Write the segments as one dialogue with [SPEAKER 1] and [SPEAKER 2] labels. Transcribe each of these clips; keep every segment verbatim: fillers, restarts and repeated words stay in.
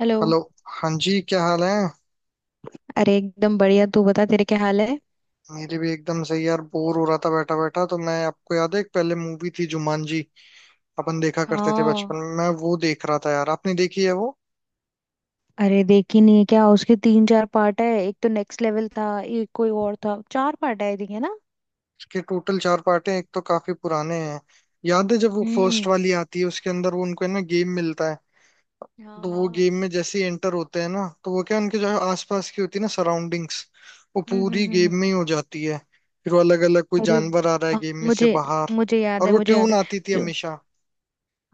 [SPEAKER 1] Hello.
[SPEAKER 2] Hello. हाँ जी, क्या हाल है?
[SPEAKER 1] अरे एकदम बढ़िया, तू बता तेरे क्या हाल है?
[SPEAKER 2] मेरे भी एकदम सही यार। बोर हो रहा था बैठा बैठा तो मैं आपको याद है एक पहले मूवी थी जुमानजी, अपन देखा करते थे
[SPEAKER 1] हाँ।
[SPEAKER 2] बचपन में। मैं वो देख रहा था यार, आपने देखी है वो?
[SPEAKER 1] अरे देखी नहीं है क्या? उसके तीन चार पार्ट है, एक तो नेक्स्ट लेवल था, एक कोई और था, चार पार्ट है आई है ना।
[SPEAKER 2] उसके टोटल चार पार्ट हैं, एक तो काफी पुराने हैं। याद है जब वो फर्स्ट
[SPEAKER 1] हम्म।
[SPEAKER 2] वाली आती है, उसके अंदर वो उनको है ना गेम मिलता है।
[SPEAKER 1] हाँ
[SPEAKER 2] तो वो गेम
[SPEAKER 1] हाँ।
[SPEAKER 2] में जैसे ही एंटर होते हैं ना, तो वो क्या उनके जो आसपास की होती है ना सराउंडिंग्स, वो
[SPEAKER 1] हम्म हम्म
[SPEAKER 2] पूरी
[SPEAKER 1] हम्म
[SPEAKER 2] गेम में
[SPEAKER 1] हम्म।
[SPEAKER 2] ही हो जाती है। फिर वो अलग अलग कोई
[SPEAKER 1] अरे
[SPEAKER 2] जानवर आ रहा है
[SPEAKER 1] अ,
[SPEAKER 2] गेम में से
[SPEAKER 1] मुझे
[SPEAKER 2] बाहर।
[SPEAKER 1] मुझे याद
[SPEAKER 2] और
[SPEAKER 1] है,
[SPEAKER 2] वो
[SPEAKER 1] मुझे याद
[SPEAKER 2] ट्यून
[SPEAKER 1] है।
[SPEAKER 2] आती थी
[SPEAKER 1] जो,
[SPEAKER 2] हमेशा।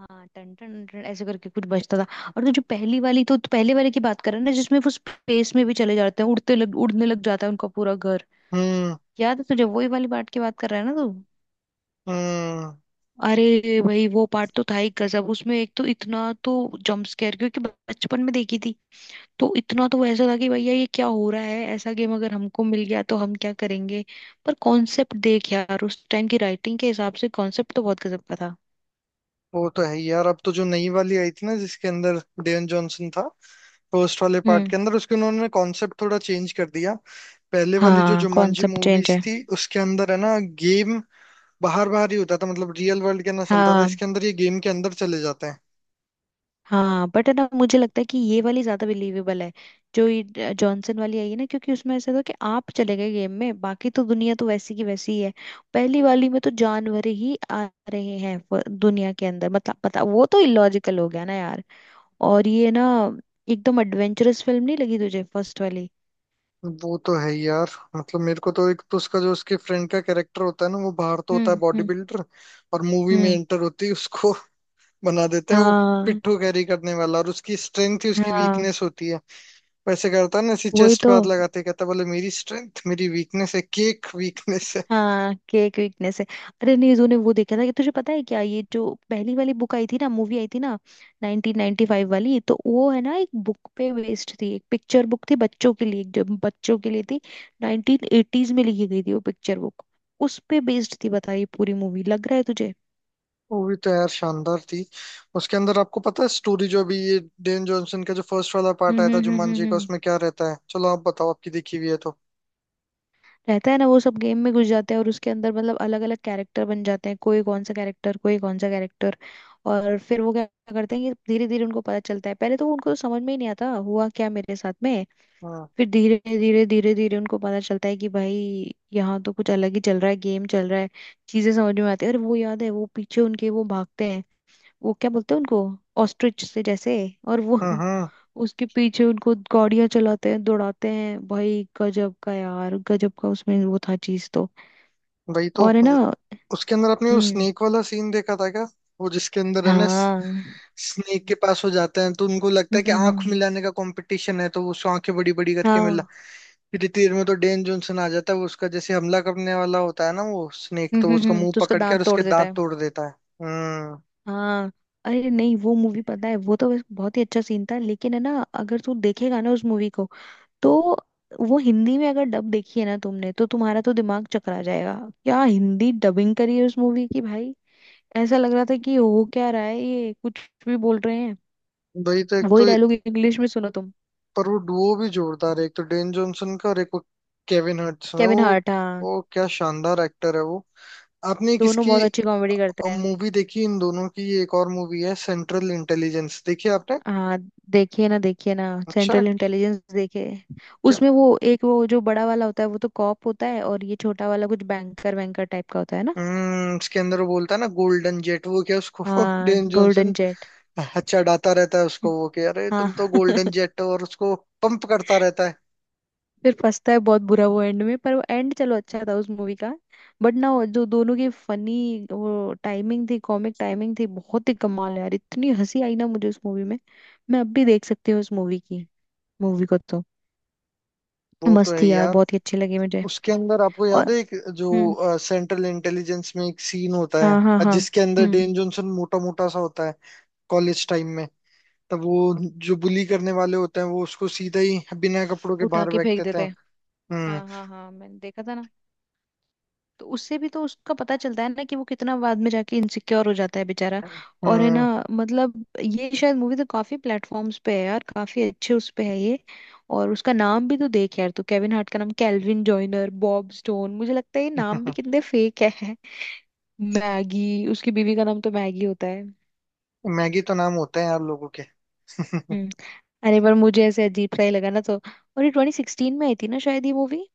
[SPEAKER 1] हाँ टन टन टन ऐसे करके कुछ बजता था। और तो जो पहली वाली तो तो पहले वाले की बात कर रहे हैं ना, जिसमें वो स्पेस में भी चले जाते हैं, उड़ते लग उड़ने लग जाता है उनका पूरा घर।
[SPEAKER 2] हम्म
[SPEAKER 1] याद है तुझे? वही वाली पार्ट की बात कर रहा है ना तू।
[SPEAKER 2] हम्म।
[SPEAKER 1] अरे भाई वो पार्ट तो था ही गजब। उसमें एक तो इतना तो जंप स्केयर, क्योंकि बचपन में देखी थी, तो इतना तो ऐसा था कि भैया ये क्या हो रहा है। ऐसा गेम अगर हमको मिल गया तो हम क्या करेंगे। पर कॉन्सेप्ट देख यार, उस टाइम की राइटिंग के हिसाब से कॉन्सेप्ट तो बहुत गजब का था।
[SPEAKER 2] वो तो है ही यार। अब तो जो नई वाली आई थी ना जिसके अंदर डेन जॉनसन था, फर्स्ट वाले पार्ट
[SPEAKER 1] हम्म।
[SPEAKER 2] के अंदर उसके उन्होंने कॉन्सेप्ट थोड़ा चेंज कर दिया। पहले वाली जो
[SPEAKER 1] हाँ
[SPEAKER 2] जुमांजी
[SPEAKER 1] कॉन्सेप्ट चेंज
[SPEAKER 2] मूवीज
[SPEAKER 1] है।
[SPEAKER 2] थी उसके अंदर है ना गेम बाहर बाहर ही होता था, मतलब रियल वर्ल्ड के अंदर चलता था।
[SPEAKER 1] हाँ
[SPEAKER 2] इसके अंदर ये गेम के अंदर चले जाते हैं।
[SPEAKER 1] हाँ, बट ना मुझे लगता है कि ये वाली ज्यादा बिलीवेबल है। जो ये जॉनसन वाली आई है ना, क्योंकि उसमें ऐसा था कि आप चले गए गेम में, बाकी तो दुनिया तो वैसी की वैसी ही है। पहली वाली में तो जानवर ही आ रहे हैं व- दुनिया के अंदर, मतलब पता, वो तो इलॉजिकल हो गया ना यार। और ये ना एकदम एडवेंचरस फिल्म नहीं लगी तुझे फर्स्ट वाली?
[SPEAKER 2] वो तो है ही यार। मतलब मेरे को तो एक तो उसका जो उसके फ्रेंड का कैरेक्टर होता है ना, वो बाहर तो होता है
[SPEAKER 1] हम्म
[SPEAKER 2] बॉडी
[SPEAKER 1] हम्म
[SPEAKER 2] बिल्डर, और मूवी में
[SPEAKER 1] हम्म।
[SPEAKER 2] एंटर होती है उसको बना देते हैं वो
[SPEAKER 1] हाँ।
[SPEAKER 2] पिट्ठू कैरी करने वाला। और उसकी स्ट्रेंथ ही उसकी
[SPEAKER 1] हाँ
[SPEAKER 2] वीकनेस होती है। वैसे करता है ना ऐसी
[SPEAKER 1] वही
[SPEAKER 2] चेस्ट पे
[SPEAKER 1] तो।
[SPEAKER 2] हाथ लगाते ही कहता है, बोले मेरी स्ट्रेंथ मेरी वीकनेस है, केक वीकनेस है।
[SPEAKER 1] हाँ केक वीकनेस है। अरे नीजू ने वो देखा था, कि तुझे पता है क्या ये जो पहली वाली बुक आई थी ना, मूवी आई थी ना नाइनटीन नाइनटी फाइव वाली, तो वो है ना एक बुक पे बेस्ड थी, एक पिक्चर बुक थी बच्चों के लिए, जो बच्चों के लिए थी। नाइनटीन एटीज में लिखी गई थी वो पिक्चर बुक। उस पे बेस्ड थी, बता ये पूरी मूवी। लग रहा है तुझे?
[SPEAKER 2] वो भी तो यार शानदार थी। उसके अंदर आपको पता है स्टोरी जो अभी ये डेन जॉनसन का जो फर्स्ट वाला पार्ट
[SPEAKER 1] हम्म
[SPEAKER 2] आया था
[SPEAKER 1] हम्म हम्म हम्म
[SPEAKER 2] जुmanji का,
[SPEAKER 1] हम्म।
[SPEAKER 2] उसमें क्या रहता है? चलो आप बताओ, आपकी देखी हुई है तो।
[SPEAKER 1] रहता है ना, वो सब गेम में घुस जाते हैं और उसके अंदर मतलब अलग अलग कैरेक्टर बन जाते हैं, कोई कौन सा कैरेक्टर, कोई कौन सा कैरेक्टर। और फिर वो क्या करते हैं, कि धीरे धीरे उनको पता चलता है, पहले तो उनको तो समझ में ही नहीं आता हुआ क्या मेरे साथ में।
[SPEAKER 2] हाँ।
[SPEAKER 1] फिर धीरे धीरे धीरे धीरे उनको पता चलता है कि भाई यहाँ तो कुछ अलग ही चल रहा है, गेम चल रहा है। चीजें समझ में आती है। अरे वो याद है, वो पीछे उनके वो भागते हैं, वो क्या बोलते हैं उनको? ऑस्ट्रिच से जैसे, और वो
[SPEAKER 2] हम्म।
[SPEAKER 1] उसके पीछे उनको गाड़ियां चलाते हैं दौड़ाते हैं। भाई गजब का यार, गजब का उसमें वो था चीज तो।
[SPEAKER 2] वही तो।
[SPEAKER 1] और है ना।
[SPEAKER 2] उसके अंदर आपने वो
[SPEAKER 1] हम्म।
[SPEAKER 2] स्नेक वाला सीन देखा था क्या? वो जिसके अंदर है ना
[SPEAKER 1] हाँ। हम्म
[SPEAKER 2] स्नेक के पास हो जाते हैं तो उनको लगता है
[SPEAKER 1] हम्म,
[SPEAKER 2] कि आंख
[SPEAKER 1] हम्म,
[SPEAKER 2] मिलाने का कंपटीशन है, तो वो उसको आंखें बड़ी बड़ी करके मिला।
[SPEAKER 1] हाँ।
[SPEAKER 2] फिर तीर में तो डेन जॉनसन आ जाता है, वो उसका जैसे हमला करने वाला होता है ना वो स्नेक,
[SPEAKER 1] हम्म
[SPEAKER 2] तो
[SPEAKER 1] हम्म
[SPEAKER 2] उसका
[SPEAKER 1] हम्म,
[SPEAKER 2] मुंह
[SPEAKER 1] तो उसका
[SPEAKER 2] पकड़ के
[SPEAKER 1] दांत
[SPEAKER 2] और
[SPEAKER 1] तोड़
[SPEAKER 2] उसके
[SPEAKER 1] देता
[SPEAKER 2] दांत
[SPEAKER 1] है।
[SPEAKER 2] तोड़ देता है। हम्म।
[SPEAKER 1] हाँ। अरे नहीं वो मूवी पता है, वो तो बस बहुत ही अच्छा सीन था। लेकिन है ना, अगर तू देखेगा ना उस मूवी को, तो वो हिंदी में अगर डब देखी है ना तुमने, तो तुम्हारा तो दिमाग चकरा जाएगा। क्या हिंदी डबिंग करी है उस मूवी की भाई! ऐसा लग रहा था कि हो क्या रहा है, ये कुछ भी बोल रहे हैं।
[SPEAKER 2] वही तो। एक
[SPEAKER 1] वही
[SPEAKER 2] तो
[SPEAKER 1] डायलॉग इंग्लिश में सुनो तुम।
[SPEAKER 2] पर वो डुओ भी जोरदार है, एक तो डेन जॉनसन का और एक वो केविन हर्ट्स में
[SPEAKER 1] केविन
[SPEAKER 2] वो
[SPEAKER 1] हार्ट हाँ,
[SPEAKER 2] वो क्या शानदार एक्टर है वो। आपने एक
[SPEAKER 1] दोनों
[SPEAKER 2] इसकी
[SPEAKER 1] बहुत अच्छी कॉमेडी करते हैं।
[SPEAKER 2] मूवी देखी इन दोनों की? ये एक और मूवी है सेंट्रल इंटेलिजेंस, देखी आपने?
[SPEAKER 1] हाँ। देखिए ना देखिए ना,
[SPEAKER 2] अच्छा।
[SPEAKER 1] सेंट्रल इंटेलिजेंस देखिए।
[SPEAKER 2] क्या?
[SPEAKER 1] उसमें वो एक वो जो बड़ा वाला होता है वो तो कॉप होता है, और ये छोटा वाला कुछ बैंकर वैंकर टाइप का होता है ना।
[SPEAKER 2] हम्म। इसके अंदर वो बोलता है ना गोल्डन जेट, वो क्या उसको
[SPEAKER 1] हाँ
[SPEAKER 2] डेन
[SPEAKER 1] गोल्डन
[SPEAKER 2] जॉनसन,
[SPEAKER 1] जेट।
[SPEAKER 2] हाँ, चढ़ाता रहता है उसको वो कि अरे
[SPEAKER 1] हाँ
[SPEAKER 2] तुम तो गोल्डन जेट हो, और उसको पंप करता रहता है।
[SPEAKER 1] फिर फंसता है बहुत बुरा वो एंड में, पर वो एंड चलो अच्छा था उस मूवी का। बट ना वो जो दोनों की फनी, वो टाइमिंग थी, कॉमिक टाइमिंग थी, बहुत ही कमाल है यार। इतनी हंसी आई ना मुझे उस मूवी में। मैं अब भी देख सकती हूँ उस मूवी की, मूवी को तो।
[SPEAKER 2] वो तो
[SPEAKER 1] मस्त
[SPEAKER 2] है
[SPEAKER 1] थी
[SPEAKER 2] ही
[SPEAKER 1] यार,
[SPEAKER 2] यार।
[SPEAKER 1] बहुत ही अच्छी लगी मुझे।
[SPEAKER 2] उसके अंदर आपको
[SPEAKER 1] और
[SPEAKER 2] याद है एक
[SPEAKER 1] हम्म।
[SPEAKER 2] जो सेंट्रल इंटेलिजेंस में एक सीन होता है
[SPEAKER 1] हाँ हाँ
[SPEAKER 2] अ,
[SPEAKER 1] हाँ।
[SPEAKER 2] जिसके अंदर
[SPEAKER 1] हम्म।
[SPEAKER 2] डेन जॉनसन मोटा मोटा सा होता है कॉलेज टाइम में। तब वो जो बुली करने वाले होते हैं वो उसको सीधा ही बिना कपड़ों के
[SPEAKER 1] उठा
[SPEAKER 2] बाहर
[SPEAKER 1] के
[SPEAKER 2] फेंक
[SPEAKER 1] फेंक
[SPEAKER 2] देते
[SPEAKER 1] देते
[SPEAKER 2] हैं।
[SPEAKER 1] हैं।
[SPEAKER 2] हम्म।
[SPEAKER 1] हाँ हाँ हाँ मैंने देखा था ना। तो उससे भी तो उसका पता चलता है ना कि वो कितना बाद में जाके इनसिक्योर हो जाता है बेचारा। और है ना,
[SPEAKER 2] हम्म।
[SPEAKER 1] मतलब ये शायद मूवी तो काफी प्लेटफॉर्म्स पे है यार, काफी अच्छे उस पे है ये। और उसका नाम भी तो देख यार तू, केविन हार्ट का नाम कैल्विन जॉइनर, बॉब स्टोन, मुझे लगता है ये नाम भी कितने फेक है। मैगी उसकी बीवी का नाम तो मैगी होता है।
[SPEAKER 2] मैगी तो नाम होते हैं यार लोगों।
[SPEAKER 1] हम्म। अरे पर मुझे ऐसे अजीब सा ही लगा ना, तो। और ये ट्वेंटी सिक्सटीन में आई थी ना शायद ये मूवी।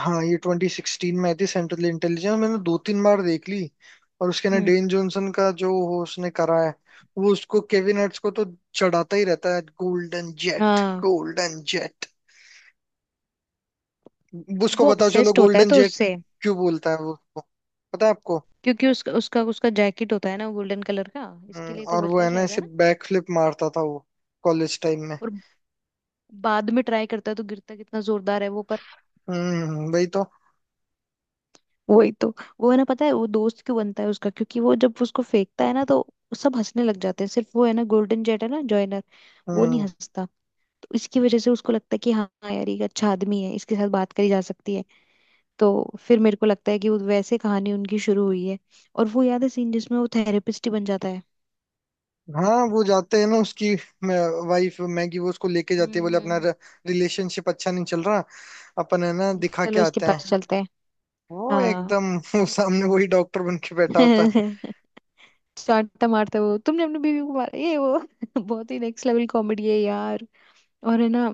[SPEAKER 2] हाँ, ये ट्वेंटी सिक्सटीन में आई थी सेंट्रल इंटेलिजेंस, मैंने दो तीन बार देख ली। और उसके ना
[SPEAKER 1] हम्म।
[SPEAKER 2] डेन जॉनसन का जो वो उसने करा है, वो उसको केविन हार्ट्स को तो चढ़ाता ही रहता है, गोल्डन जेट
[SPEAKER 1] हाँ।
[SPEAKER 2] Golden jet. उसको
[SPEAKER 1] वो
[SPEAKER 2] बताओ चलो
[SPEAKER 1] ऑब्सेस्ड होता है
[SPEAKER 2] गोल्डन
[SPEAKER 1] तो
[SPEAKER 2] जेट।
[SPEAKER 1] उससे।
[SPEAKER 2] क्यों बोलता है वो उसको, पता है आपको?
[SPEAKER 1] क्योंकि उसका उसका उसका जैकेट होता है ना गोल्डन कलर का, इसके
[SPEAKER 2] हम्म,
[SPEAKER 1] लिए तो
[SPEAKER 2] और वो
[SPEAKER 1] बोलता
[SPEAKER 2] है
[SPEAKER 1] है
[SPEAKER 2] ना
[SPEAKER 1] शायद है
[SPEAKER 2] ऐसे
[SPEAKER 1] ना।
[SPEAKER 2] बैक फ्लिप मारता था वो कॉलेज टाइम में।
[SPEAKER 1] और बाद में ट्राई करता है तो गिरता कितना जोरदार है वो, पर।
[SPEAKER 2] हम्म, वही तो।
[SPEAKER 1] वही तो। वो है ना, पता है वो दोस्त क्यों बनता है उसका? क्योंकि वो जब उसको फेंकता है ना, तो सब हंसने लग जाते हैं, सिर्फ वो है ना गोल्डन जेट है ना जॉइनर, वो नहीं
[SPEAKER 2] हम्म।
[SPEAKER 1] हंसता। तो इसकी वजह से उसको लगता है कि हाँ यार ये एक अच्छा आदमी है, इसके साथ बात करी जा सकती है, तो। फिर मेरे को लगता है कि वो वैसे कहानी उनकी शुरू हुई है। और वो याद है सीन जिसमें वो थेरेपिस्ट ही बन जाता है।
[SPEAKER 2] हाँ वो जाते हैं ना उसकी वाइफ मैगी वो उसको लेके जाती है,
[SPEAKER 1] हम्म
[SPEAKER 2] बोले अपना
[SPEAKER 1] हम्म
[SPEAKER 2] रिलेशनशिप अच्छा नहीं चल रहा, अपन है ना
[SPEAKER 1] हम्म।
[SPEAKER 2] दिखा के
[SPEAKER 1] चलो इसके
[SPEAKER 2] आते हैं।
[SPEAKER 1] पास चलते हैं।
[SPEAKER 2] वो
[SPEAKER 1] हाँ
[SPEAKER 2] एकदम वो सामने वही डॉक्टर बन के बैठा होता है।
[SPEAKER 1] चांटा मारता है वो, तुमने अपनी बीवी को मारा ये वो बहुत ही नेक्स्ट लेवल कॉमेडी है यार। और है ना,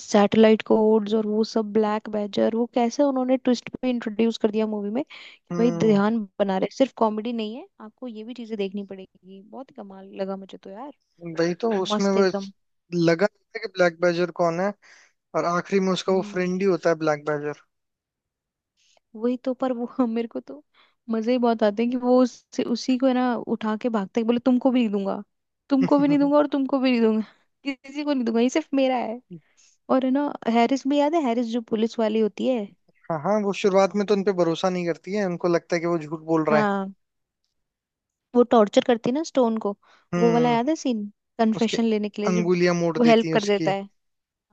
[SPEAKER 1] सैटेलाइट कोड्स और वो सब ब्लैक बैजर, वो कैसे उन्होंने ट्विस्ट पे इंट्रोड्यूस कर दिया मूवी में कि भाई
[SPEAKER 2] हम्म।
[SPEAKER 1] ध्यान बना रहे, सिर्फ कॉमेडी नहीं है, आपको ये भी चीजें देखनी पड़ेगी। बहुत ही कमाल लगा मुझे तो यार,
[SPEAKER 2] वही तो। उसमें
[SPEAKER 1] मस्त
[SPEAKER 2] वो
[SPEAKER 1] एकदम।
[SPEAKER 2] लगा रहता है कि ब्लैक बैजर कौन है, और आखिरी में उसका वो फ्रेंड ही होता है ब्लैक बैजर।
[SPEAKER 1] वही तो। पर वो हम, मेरे को तो मजे ही बहुत आते हैं, कि वो उस, उसी को है ना उठा के भागते हैं, बोले तुमको भी नहीं दूंगा, तुमको भी नहीं दूंगा, और तुमको भी नहीं दूंगा किसी को नहीं दूंगा, ये सिर्फ मेरा है। और है ना, हैरिस भी याद है, हैरिस जो पुलिस वाली होती है।
[SPEAKER 2] हाँ हाँ, वो शुरुआत में तो उनपे भरोसा नहीं करती है, उनको लगता है कि वो झूठ बोल रहा है।
[SPEAKER 1] हाँ। वो टॉर्चर करती है ना स्टोन को, वो वाला
[SPEAKER 2] हम्म।
[SPEAKER 1] याद है सीन,
[SPEAKER 2] उसकी
[SPEAKER 1] कन्फेशन लेने के लिए जब।
[SPEAKER 2] अंगुलियां मोड़
[SPEAKER 1] वो हेल्प
[SPEAKER 2] देती है
[SPEAKER 1] कर देता
[SPEAKER 2] उसकी।
[SPEAKER 1] है।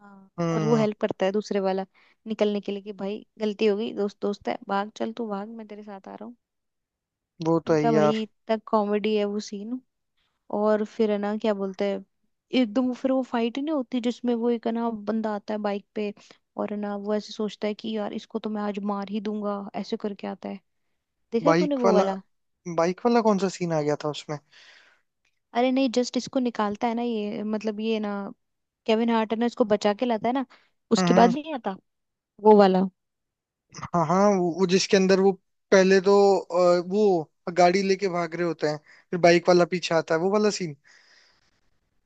[SPEAKER 1] हाँ, और वो
[SPEAKER 2] हम्म।
[SPEAKER 1] हेल्प करता है दूसरे वाला निकलने के लिए कि भाई गलती हो गई, दोस्त दोस्त है, भाग चल तू, भाग मैं तेरे साथ आ रहा हूँ।
[SPEAKER 2] वो तो
[SPEAKER 1] मैं
[SPEAKER 2] है
[SPEAKER 1] कहा भाई,
[SPEAKER 2] यार।
[SPEAKER 1] इतना कॉमेडी है वो सीन। और फिर है ना क्या बोलते हैं, एकदम वो फिर वो फाइट ही नहीं होती, जिसमें वो एक है ना बंदा आता है बाइक पे, और है ना वो ऐसे सोचता है कि यार इसको तो मैं आज मार ही दूंगा ऐसे करके आता है। देखा है तूने
[SPEAKER 2] बाइक
[SPEAKER 1] वो
[SPEAKER 2] वाला,
[SPEAKER 1] वाला?
[SPEAKER 2] बाइक वाला कौन सा सीन आ गया था उसमें?
[SPEAKER 1] अरे नहीं, जस्ट इसको निकालता है ना ये, मतलब ये ना केविन हार्ट है ना इसको बचा के लाता है ना, उसके बाद
[SPEAKER 2] हम्म।
[SPEAKER 1] नहीं आता वो वाला।
[SPEAKER 2] हाँ हाँ, वो, वो जिसके अंदर वो पहले तो, अ, वो गाड़ी लेके भाग रहे होते हैं, फिर बाइक वाला पीछे आता है वो वाला सीन।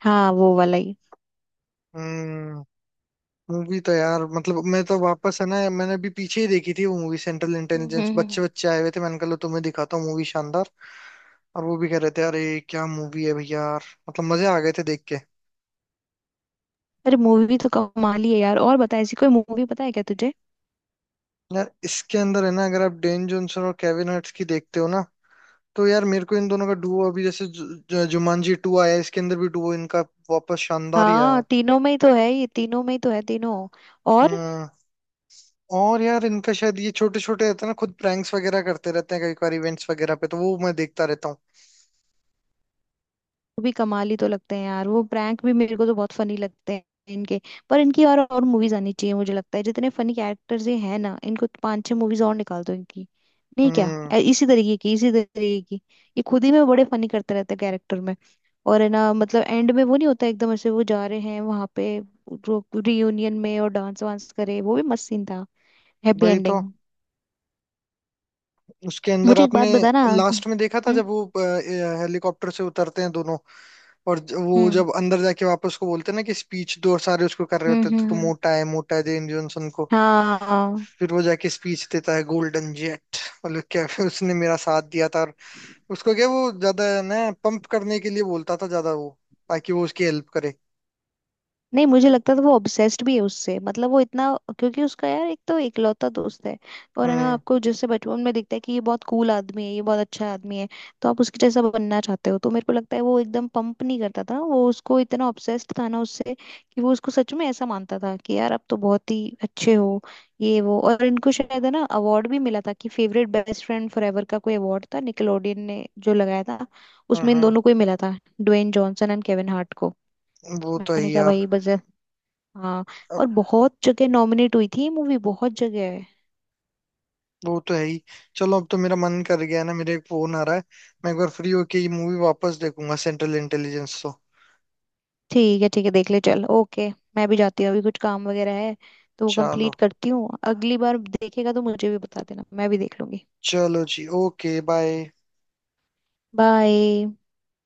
[SPEAKER 1] हाँ वो वाला ही।
[SPEAKER 2] हम्म। मूवी तो यार मतलब मैं तो वापस है ना, मैंने अभी पीछे ही देखी थी वो movie Central
[SPEAKER 1] hmm
[SPEAKER 2] Intelligence.
[SPEAKER 1] Hmm,
[SPEAKER 2] बच्चे
[SPEAKER 1] हम्म।
[SPEAKER 2] बच्चे आए हुए थे, मैंने कहा लो तुम्हें दिखाता हूँ मूवी शानदार। और वो भी कह रहे थे, अरे क्या मूवी है भैया यार। मतलब मजे आ गए थे देख के।
[SPEAKER 1] अरे मूवी तो कमाल ही है यार, और बता ऐसी कोई मूवी पता है क्या तुझे?
[SPEAKER 2] यार इसके अंदर है ना, अगर आप डेन जॉनसन और केविन हर्ट्स की देखते हो ना, तो यार मेरे को इन दोनों का डुओ, अभी जैसे जु, जु, जुमांजी टू आया है, इसके अंदर भी डुओ इनका वापस शानदार ही आया
[SPEAKER 1] हाँ
[SPEAKER 2] है।
[SPEAKER 1] तीनों में ही तो है ये, तीनों में ही तो है तीनों। और
[SPEAKER 2] हम्म। और यार इनका शायद ये छोटे छोटे रहते हैं ना खुद, प्रैंक्स वगैरह करते रहते हैं कई बार इवेंट्स वगैरह पे, तो वो मैं देखता रहता हूँ।
[SPEAKER 1] वो भी कमाल ही तो लगते हैं यार, वो प्रैंक भी मेरे को तो बहुत फनी लगते हैं इनके। पर इनकी और और मूवीज आनी चाहिए, मुझे लगता है जितने फनी कैरेक्टर्स ये हैं ना इनको तो पांच छह मूवीज और निकाल दो इनकी। नहीं क्या?
[SPEAKER 2] हम्म।
[SPEAKER 1] ए- इसी तरीके की, इसी तरीके की। ये खुद ही में बड़े फनी करते रहते हैं कैरेक्टर में। और है ना मतलब एंड में वो नहीं होता, एकदम ऐसे वो जा रहे हैं वहां पे रियूनियन में और डांस वांस करे, वो भी मस्त सीन था। हैप्पी
[SPEAKER 2] वही तो।
[SPEAKER 1] एंडिंग।
[SPEAKER 2] उसके अंदर
[SPEAKER 1] मुझे एक
[SPEAKER 2] आपने
[SPEAKER 1] बात बताना।
[SPEAKER 2] लास्ट में देखा था
[SPEAKER 1] हम्म
[SPEAKER 2] जब वो हेलीकॉप्टर से उतरते हैं दोनों, और ज- वो
[SPEAKER 1] हम्म
[SPEAKER 2] जब अंदर जाके वापस उसको बोलते हैं ना कि स्पीच दो, और सारे उसको कर रहे
[SPEAKER 1] हम्म
[SPEAKER 2] होते थे तो
[SPEAKER 1] हम्म
[SPEAKER 2] तो
[SPEAKER 1] हम्म।
[SPEAKER 2] मोटा है मोटा है जेन जॉनसन को।
[SPEAKER 1] हाँ।
[SPEAKER 2] फिर वो जाके स्पीच देता है गोल्डन जेट। मतलब क्या उसने मेरा साथ दिया था, और उसको क्या वो ज्यादा ना पंप करने के लिए बोलता था ज्यादा वो, ताकि वो उसकी हेल्प करे।
[SPEAKER 1] नहीं मुझे लगता था वो ऑब्सेस्ड भी है उससे, मतलब वो इतना। क्योंकि उसका यार एक तो इकलौता दोस्त है, और है ना
[SPEAKER 2] हम्म
[SPEAKER 1] आपको जैसे बचपन में दिखता है कि ये बहुत कूल आदमी है, ये बहुत अच्छा आदमी है, तो आप उसके जैसा बनना चाहते हो। तो मेरे को लगता है वो एकदम पंप नहीं करता था, वो उसको इतना ऑब्सेस्ड था ना उससे, कि वो उसको सच में ऐसा मानता था कि यार आप तो बहुत ही अच्छे हो, ये वो। और इनको शायद है ना अवार्ड भी मिला था कि फेवरेट बेस्ट फ्रेंड फॉरएवर का कोई अवार्ड था, निकलोडियन ने जो लगाया था,
[SPEAKER 2] हम्म
[SPEAKER 1] उसमें इन
[SPEAKER 2] हम्म।
[SPEAKER 1] दोनों को ही मिला था, Dwayne Johnson and Kevin Hart को।
[SPEAKER 2] वो तो है
[SPEAKER 1] मैंने
[SPEAKER 2] ही
[SPEAKER 1] कहा
[SPEAKER 2] यार।
[SPEAKER 1] भाई बस। हाँ।
[SPEAKER 2] अब
[SPEAKER 1] और बहुत जगह नॉमिनेट हुई थी ये मूवी, बहुत जगह है।
[SPEAKER 2] वो तो है ही। चलो, अब तो मेरा मन कर गया है ना, मेरे एक फोन आ रहा है, मैं एक बार फ्री होके ये मूवी वापस देखूंगा सेंट्रल इंटेलिजेंस तो।
[SPEAKER 1] ठीक है ठीक है, देख ले, चल ओके। मैं भी जाती हूँ, अभी कुछ काम वगैरह है, तो वो
[SPEAKER 2] चलो।
[SPEAKER 1] कंप्लीट करती हूँ। अगली बार देखेगा तो मुझे भी बता देना, मैं भी देख लूंगी।
[SPEAKER 2] चलो जी, ओके बाय।
[SPEAKER 1] बाय।